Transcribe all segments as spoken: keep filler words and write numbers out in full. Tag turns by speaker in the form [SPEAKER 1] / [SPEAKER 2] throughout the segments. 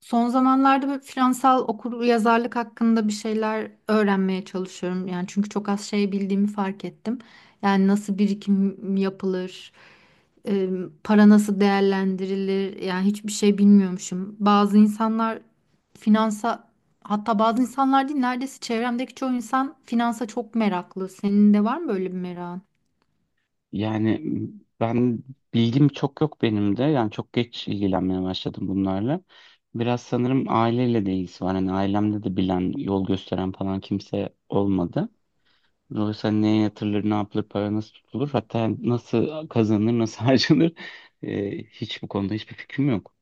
[SPEAKER 1] Son zamanlarda böyle finansal okur yazarlık hakkında bir şeyler öğrenmeye çalışıyorum. Yani çünkü çok az şey bildiğimi fark ettim. Yani nasıl birikim yapılır, e, para nasıl değerlendirilir, yani hiçbir şey bilmiyormuşum. Bazı insanlar finansa, hatta bazı insanlar değil, neredeyse çevremdeki çoğu insan finansa çok meraklı. Senin de var mı böyle bir merakın?
[SPEAKER 2] Yani ben bilgim çok yok benim de. Yani çok geç ilgilenmeye başladım bunlarla. Biraz sanırım aileyle de ilgisi var. Hani ailemde de bilen, yol gösteren falan kimse olmadı. Dolayısıyla hani neye yatırılır, ne yapılır, para nasıl tutulur, hatta nasıl kazanılır, nasıl harcanır e, hiç bu konuda hiçbir fikrim yok.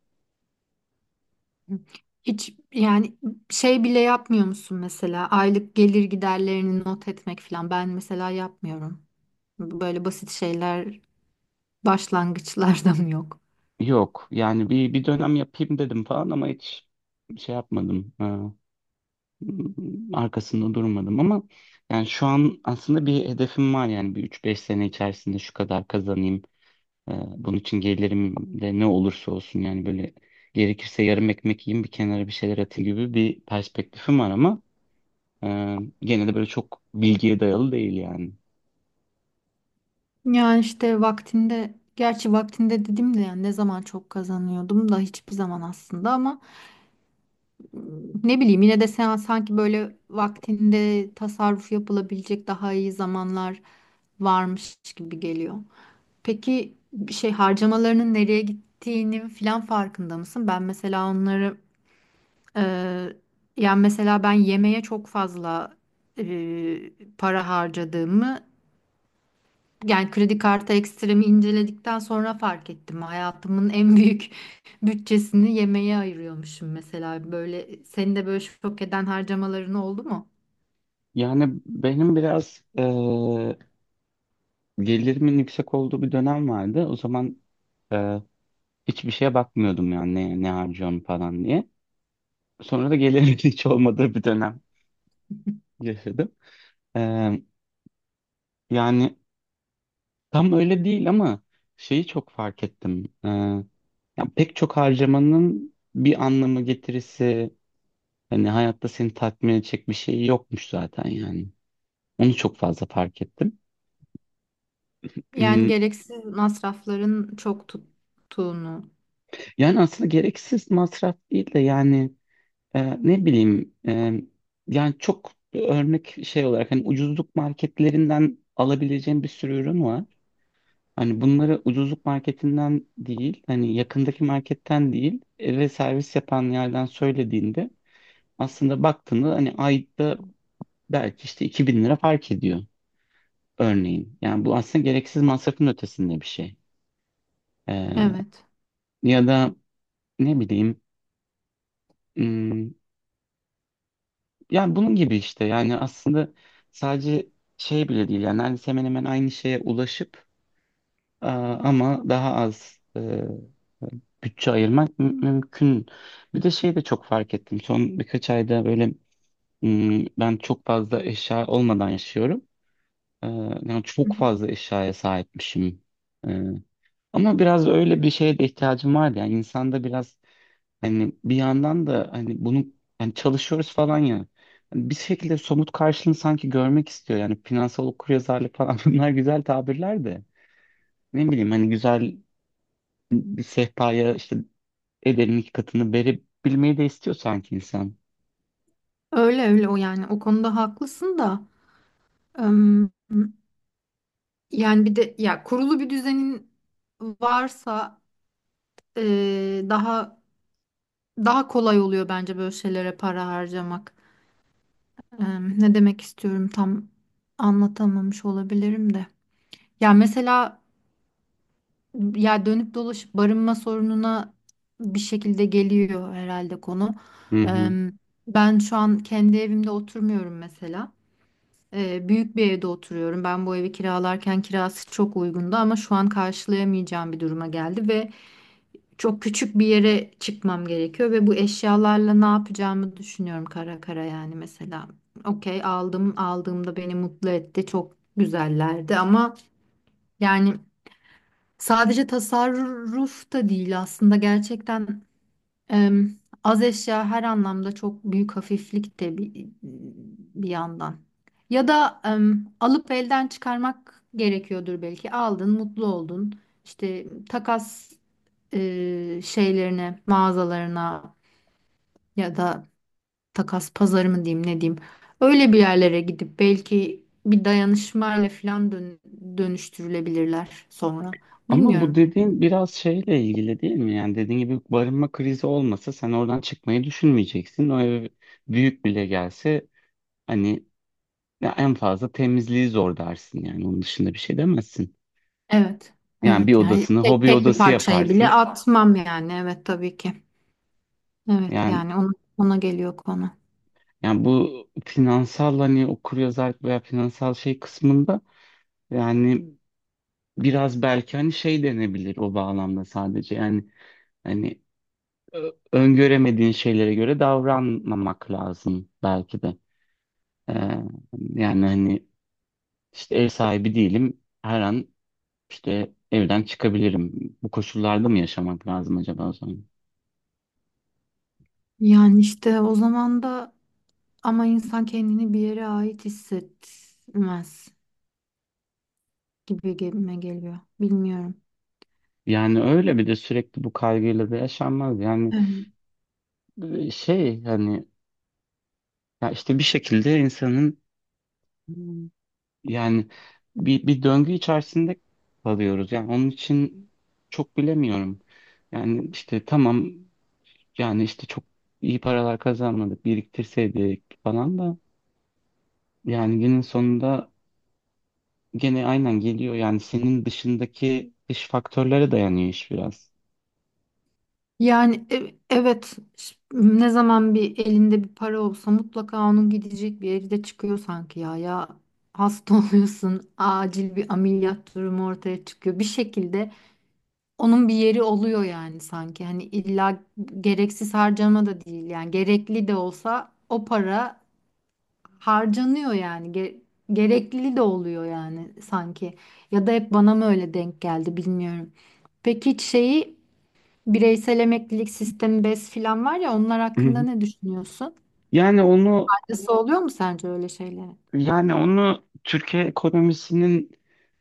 [SPEAKER 1] Hiç yani şey bile yapmıyor musun mesela aylık gelir giderlerini not etmek falan, ben mesela yapmıyorum. Böyle basit şeyler başlangıçlardan yok.
[SPEAKER 2] Yok yani bir, bir dönem yapayım dedim falan ama hiç şey yapmadım. Arkasında durmadım ama yani şu an aslında bir hedefim var yani bir üç beş sene içerisinde şu kadar kazanayım. Ee, bunun için gelirim de ne olursa olsun yani böyle gerekirse yarım ekmek yiyeyim bir kenara bir şeyler atayım gibi bir perspektifim var ama e, gene de böyle çok bilgiye dayalı değil yani.
[SPEAKER 1] Yani işte vaktinde, gerçi vaktinde dedim de yani ne zaman çok kazanıyordum da hiçbir zaman aslında, ama mm, ne bileyim, yine de sen sanki böyle vaktinde tasarruf yapılabilecek daha iyi zamanlar varmış gibi geliyor. Peki şey harcamalarının nereye gittiğinin filan farkında mısın? Ben mesela onları e, yani mesela ben yemeğe çok fazla e, para harcadığımı yani kredi kartı ekstremi inceledikten sonra fark ettim. Hayatımın en büyük bütçesini yemeğe ayırıyormuşum mesela. Böyle senin de böyle şok eden harcamaların oldu mu?
[SPEAKER 2] Yani benim biraz e, gelirimin yüksek olduğu bir dönem vardı. O zaman e, hiçbir şeye bakmıyordum yani ne, ne harcıyorum falan diye. Sonra da gelirimin hiç olmadığı bir dönem yaşadım. Ee, Yani tam öyle değil ama şeyi çok fark ettim. Ee, ya pek çok harcamanın bir anlamı getirisi hani hayatta seni tatmin edecek bir şey yokmuş zaten yani. Onu çok fazla fark ettim.
[SPEAKER 1] Yani
[SPEAKER 2] Hmm,
[SPEAKER 1] gereksiz masrafların çok tuttuğunu.
[SPEAKER 2] Yani aslında gereksiz masraf değil de yani e, ne bileyim e, yani çok örnek şey olarak hani ucuzluk marketlerinden alabileceğim bir sürü ürün var. Hani bunları ucuzluk marketinden değil, hani yakındaki marketten değil, eve servis yapan yerden söylediğinde aslında baktığında hani ayda belki işte iki bin lira fark ediyor örneğin. Yani bu aslında gereksiz masrafın ötesinde bir şey. Ee,
[SPEAKER 1] Evet.
[SPEAKER 2] Ya da ne bileyim, hmm, yani bunun gibi işte yani aslında sadece şey bile değil yani neredeyse hemen hemen aynı şeye ulaşıp aa, ama daha az bütçe ayırmak mü- mümkün. Bir de şey de çok fark ettim. Son birkaç ayda böyle ım, ben çok fazla eşya olmadan yaşıyorum. Ee, Yani çok fazla eşyaya sahipmişim. Ee, Ama biraz öyle bir şeye de ihtiyacım vardı. Yani insanda biraz hani bir yandan da hani bunu yani çalışıyoruz falan ya. Hani bir şekilde somut karşılığını sanki görmek istiyor. Yani finansal okuryazarlık falan bunlar güzel tabirler de. Ne bileyim hani güzel bir sehpaya işte ederin iki katını verebilmeyi de istiyor sanki insan.
[SPEAKER 1] Öyle öyle, o yani o konuda haklısın da, ım, yani bir de ya kurulu bir düzenin varsa e, daha daha kolay oluyor bence böyle şeylere para harcamak. Im, ne demek istiyorum tam anlatamamış olabilirim de. Ya mesela, ya dönüp dolaşıp barınma sorununa bir şekilde geliyor herhalde konu.
[SPEAKER 2] Hı hı.
[SPEAKER 1] Im, ben şu an kendi evimde oturmuyorum mesela. Ee, büyük bir evde oturuyorum. Ben bu evi kiralarken kirası çok uygundu, ama şu an karşılayamayacağım bir duruma geldi ve çok küçük bir yere çıkmam gerekiyor ve bu eşyalarla ne yapacağımı düşünüyorum kara kara yani mesela. Okey, aldım, aldığımda beni mutlu etti, çok güzellerdi ama yani sadece tasarruf da değil aslında, gerçekten Em, az eşya her anlamda çok büyük hafiflik de bir, bir yandan. Ya da em, alıp elden çıkarmak gerekiyordur belki. Aldın, mutlu oldun. İşte takas e, şeylerine, mağazalarına ya da takas pazarı mı diyeyim, ne diyeyim. Öyle bir yerlere gidip belki bir dayanışmayla falan dön- dönüştürülebilirler sonra.
[SPEAKER 2] Ama bu
[SPEAKER 1] Bilmiyorum.
[SPEAKER 2] dediğin biraz şeyle ilgili değil mi? Yani dediğin gibi barınma krizi olmasa sen oradan çıkmayı düşünmeyeceksin. O ev büyük bile gelse hani ya en fazla temizliği zor dersin yani onun dışında bir şey demezsin.
[SPEAKER 1] Evet.
[SPEAKER 2] Yani bir
[SPEAKER 1] Evet yani
[SPEAKER 2] odasını
[SPEAKER 1] tek,
[SPEAKER 2] hobi
[SPEAKER 1] tek bir
[SPEAKER 2] odası
[SPEAKER 1] parçayı bile
[SPEAKER 2] yaparsın.
[SPEAKER 1] atmam yani. Evet, tabii ki. Evet
[SPEAKER 2] Yani
[SPEAKER 1] yani ona, ona geliyor konu.
[SPEAKER 2] yani bu finansal hani okuryazarlık veya finansal şey kısmında yani biraz belki hani şey denebilir o bağlamda sadece yani hani Ö- öngöremediğin şeylere göre davranmamak lazım belki de. Ee, Yani hani işte ev sahibi değilim. Her an işte evden çıkabilirim. Bu koşullarda mı yaşamak lazım acaba o zaman?
[SPEAKER 1] Yani işte o zaman da ama insan kendini bir yere ait hissetmez gibi gibime geliyor. Bilmiyorum.
[SPEAKER 2] Yani öyle bir de sürekli bu kaygıyla da yaşanmaz. Yani
[SPEAKER 1] Evet.
[SPEAKER 2] e, şey hani ya işte bir şekilde insanın. Hmm. Yani bir, bir döngü içerisinde kalıyoruz. Yani onun için çok bilemiyorum. Yani işte tamam. Yani işte çok iyi paralar kazanmadık, biriktirseydik falan da yani günün sonunda gene aynen geliyor. Yani senin dışındaki dış faktörlere dayanıyor iş biraz.
[SPEAKER 1] Yani e- evet, ş- ne zaman bir elinde bir para olsa mutlaka onun gidecek bir yeri de çıkıyor sanki ya. Ya hasta oluyorsun, acil bir ameliyat durumu ortaya çıkıyor. Bir şekilde onun bir yeri oluyor yani sanki. Hani illa gereksiz harcama da değil, yani gerekli de olsa o para harcanıyor yani. Ge- gerekli de oluyor yani sanki, ya da hep bana mı öyle denk geldi, bilmiyorum. Peki hiç şeyi, bireysel emeklilik sistemi B E S filan var ya, onlar
[SPEAKER 2] Hı
[SPEAKER 1] hakkında
[SPEAKER 2] hı.
[SPEAKER 1] ne düşünüyorsun?
[SPEAKER 2] Yani onu
[SPEAKER 1] Faydası oluyor mu sence öyle şeylere?
[SPEAKER 2] yani onu Türkiye ekonomisinin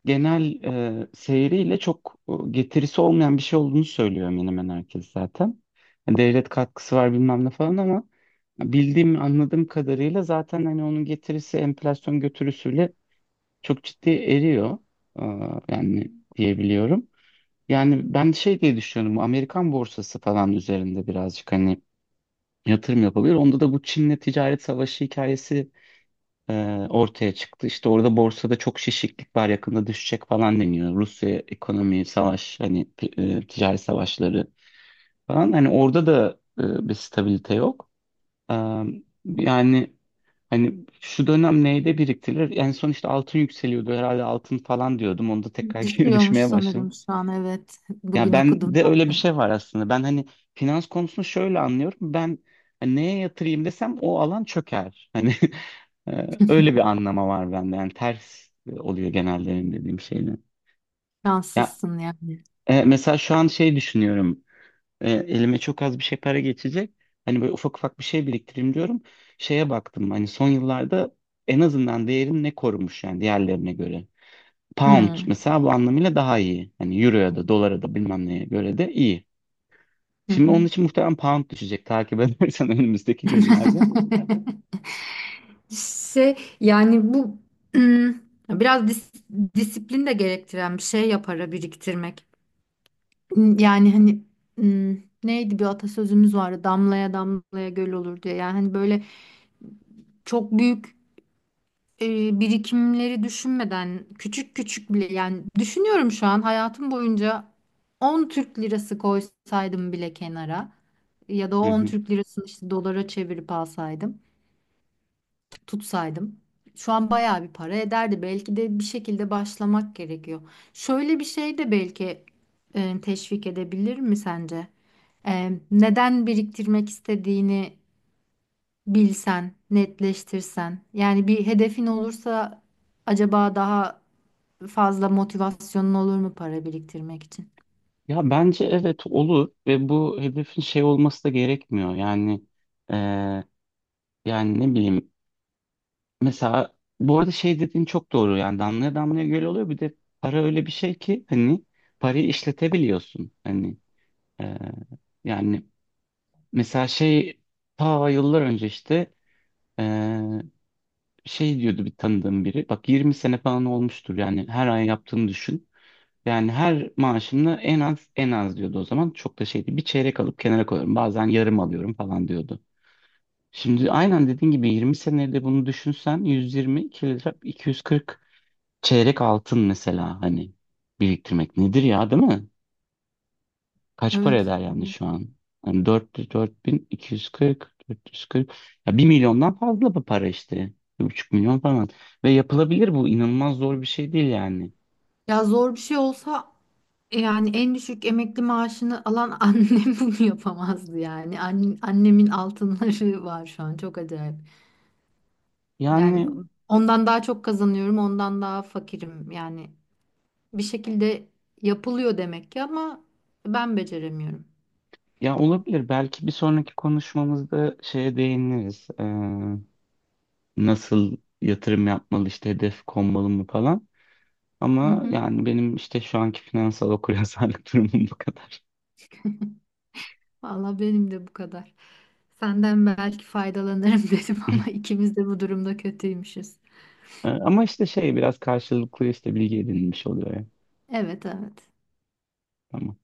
[SPEAKER 2] genel e, seyriyle çok e, getirisi olmayan bir şey olduğunu söylüyor hemen hemen herkes zaten. Yani devlet katkısı var bilmem ne falan ama bildiğim anladığım kadarıyla zaten hani onun getirisi enflasyon götürüsüyle çok ciddi eriyor. Aa, yani diyebiliyorum. Yani ben şey diye düşünüyorum. Bu Amerikan borsası falan üzerinde birazcık hani yatırım yapabilir. Onda da bu Çin'le ticaret savaşı hikayesi e, ortaya çıktı. İşte orada borsada çok şişiklik var, yakında düşecek falan deniyor. Rusya ekonomi, savaş, hani e, ticaret savaşları falan. Hani orada da e, bir stabilite yok. Ee, yani Hani şu dönem neyde biriktirilir? En son işte altın yükseliyordu herhalde altın falan diyordum. Onda tekrar geri
[SPEAKER 1] Düşüyormuş
[SPEAKER 2] düşmeye başladım.
[SPEAKER 1] sanırım şu an, evet,
[SPEAKER 2] Ya
[SPEAKER 1] bugün
[SPEAKER 2] ben
[SPEAKER 1] okudum
[SPEAKER 2] de öyle bir
[SPEAKER 1] ben de.
[SPEAKER 2] şey var aslında. Ben hani finans konusunu şöyle anlıyorum. Ben hani neye yatırayım desem o alan çöker. Hani e, öyle bir anlama var bende. Yani ters oluyor genelde benim dediğim şeyle. Ya
[SPEAKER 1] Şanslısın yani.
[SPEAKER 2] e, mesela şu an şey düşünüyorum. E, elime çok az bir şey para geçecek. Hani böyle ufak ufak bir şey biriktireyim diyorum. Şeye baktım hani son yıllarda en azından değerini ne korumuş yani diğerlerine göre. Pound
[SPEAKER 1] Hmm.
[SPEAKER 2] mesela bu anlamıyla daha iyi. Hani euroya da dolara da bilmem neye göre de iyi.
[SPEAKER 1] Hı
[SPEAKER 2] Şimdi
[SPEAKER 1] hı.
[SPEAKER 2] onun için muhtemelen pound düşecek takip edersen önümüzdeki günlerde.
[SPEAKER 1] Şey yani bu, hmm, biraz dis- disiplin de gerektiren bir şey yapara biriktirmek. Yani hani hmm, neydi, bir atasözümüz vardı, damlaya damlaya göl olur diye. Yani hani böyle çok büyük e, birikimleri düşünmeden küçük küçük bile, yani düşünüyorum şu an, hayatım boyunca on Türk lirası koysaydım bile kenara, ya da o
[SPEAKER 2] Hı
[SPEAKER 1] on
[SPEAKER 2] hı.
[SPEAKER 1] Türk lirasını işte dolara çevirip alsaydım, tutsaydım, şu an bayağı bir para ederdi. Belki de bir şekilde başlamak gerekiyor. Şöyle bir şey de belki e, teşvik edebilir mi sence? E, neden biriktirmek istediğini bilsen, netleştirsen. Yani bir hedefin olursa acaba daha fazla motivasyonun olur mu para biriktirmek için?
[SPEAKER 2] Ya bence evet olur ve bu hedefin şey olması da gerekmiyor. Yani e, yani ne bileyim. Mesela bu arada şey dediğin çok doğru yani damlaya damlaya göl oluyor bir de para öyle bir şey ki hani parayı işletebiliyorsun hani e, yani mesela şey ta yıllar önce işte e, şey diyordu bir tanıdığım biri, bak yirmi sene falan olmuştur yani her ay yaptığını düşün yani, her maaşımda en az en az diyordu o zaman çok da şeydi, bir çeyrek alıp kenara koyuyorum bazen yarım alıyorum falan diyordu. Şimdi aynen dediğin gibi yirmi senede bunu düşünsen yüz yirmi iki yüz kırk çeyrek altın mesela, hani biriktirmek nedir ya değil mi? Kaç para
[SPEAKER 1] Evet.
[SPEAKER 2] eder yani
[SPEAKER 1] Evet.
[SPEAKER 2] şu an? Hani dört, dört bin iki yüz kırk, dört yüz kırk, ya bir milyondan fazla bu para işte. Bir buçuk milyon falan. Ve yapılabilir bu inanılmaz zor bir şey değil yani.
[SPEAKER 1] Ya zor bir şey olsa. Yani en düşük emekli maaşını alan annem bunu yapamazdı yani. An- annemin altınları var şu an, çok acayip. Yani
[SPEAKER 2] Yani
[SPEAKER 1] ondan daha çok kazanıyorum, ondan daha fakirim. Yani bir şekilde yapılıyor demek ki, ama ben beceremiyorum.
[SPEAKER 2] ya olabilir belki bir sonraki konuşmamızda şeye değiniriz. Ee, nasıl yatırım yapmalı işte hedef konmalı mı falan.
[SPEAKER 1] Hı
[SPEAKER 2] Ama
[SPEAKER 1] hı.
[SPEAKER 2] yani benim işte şu anki finansal okuryazarlık durumum bu kadar.
[SPEAKER 1] Valla benim de bu kadar. Senden belki faydalanırım dedim, ama ikimiz de bu durumda kötüymüşüz.
[SPEAKER 2] Ee, Ama işte şey biraz karşılıklı işte bilgi edinilmiş oluyor ya.
[SPEAKER 1] Evet, evet.
[SPEAKER 2] Tamam.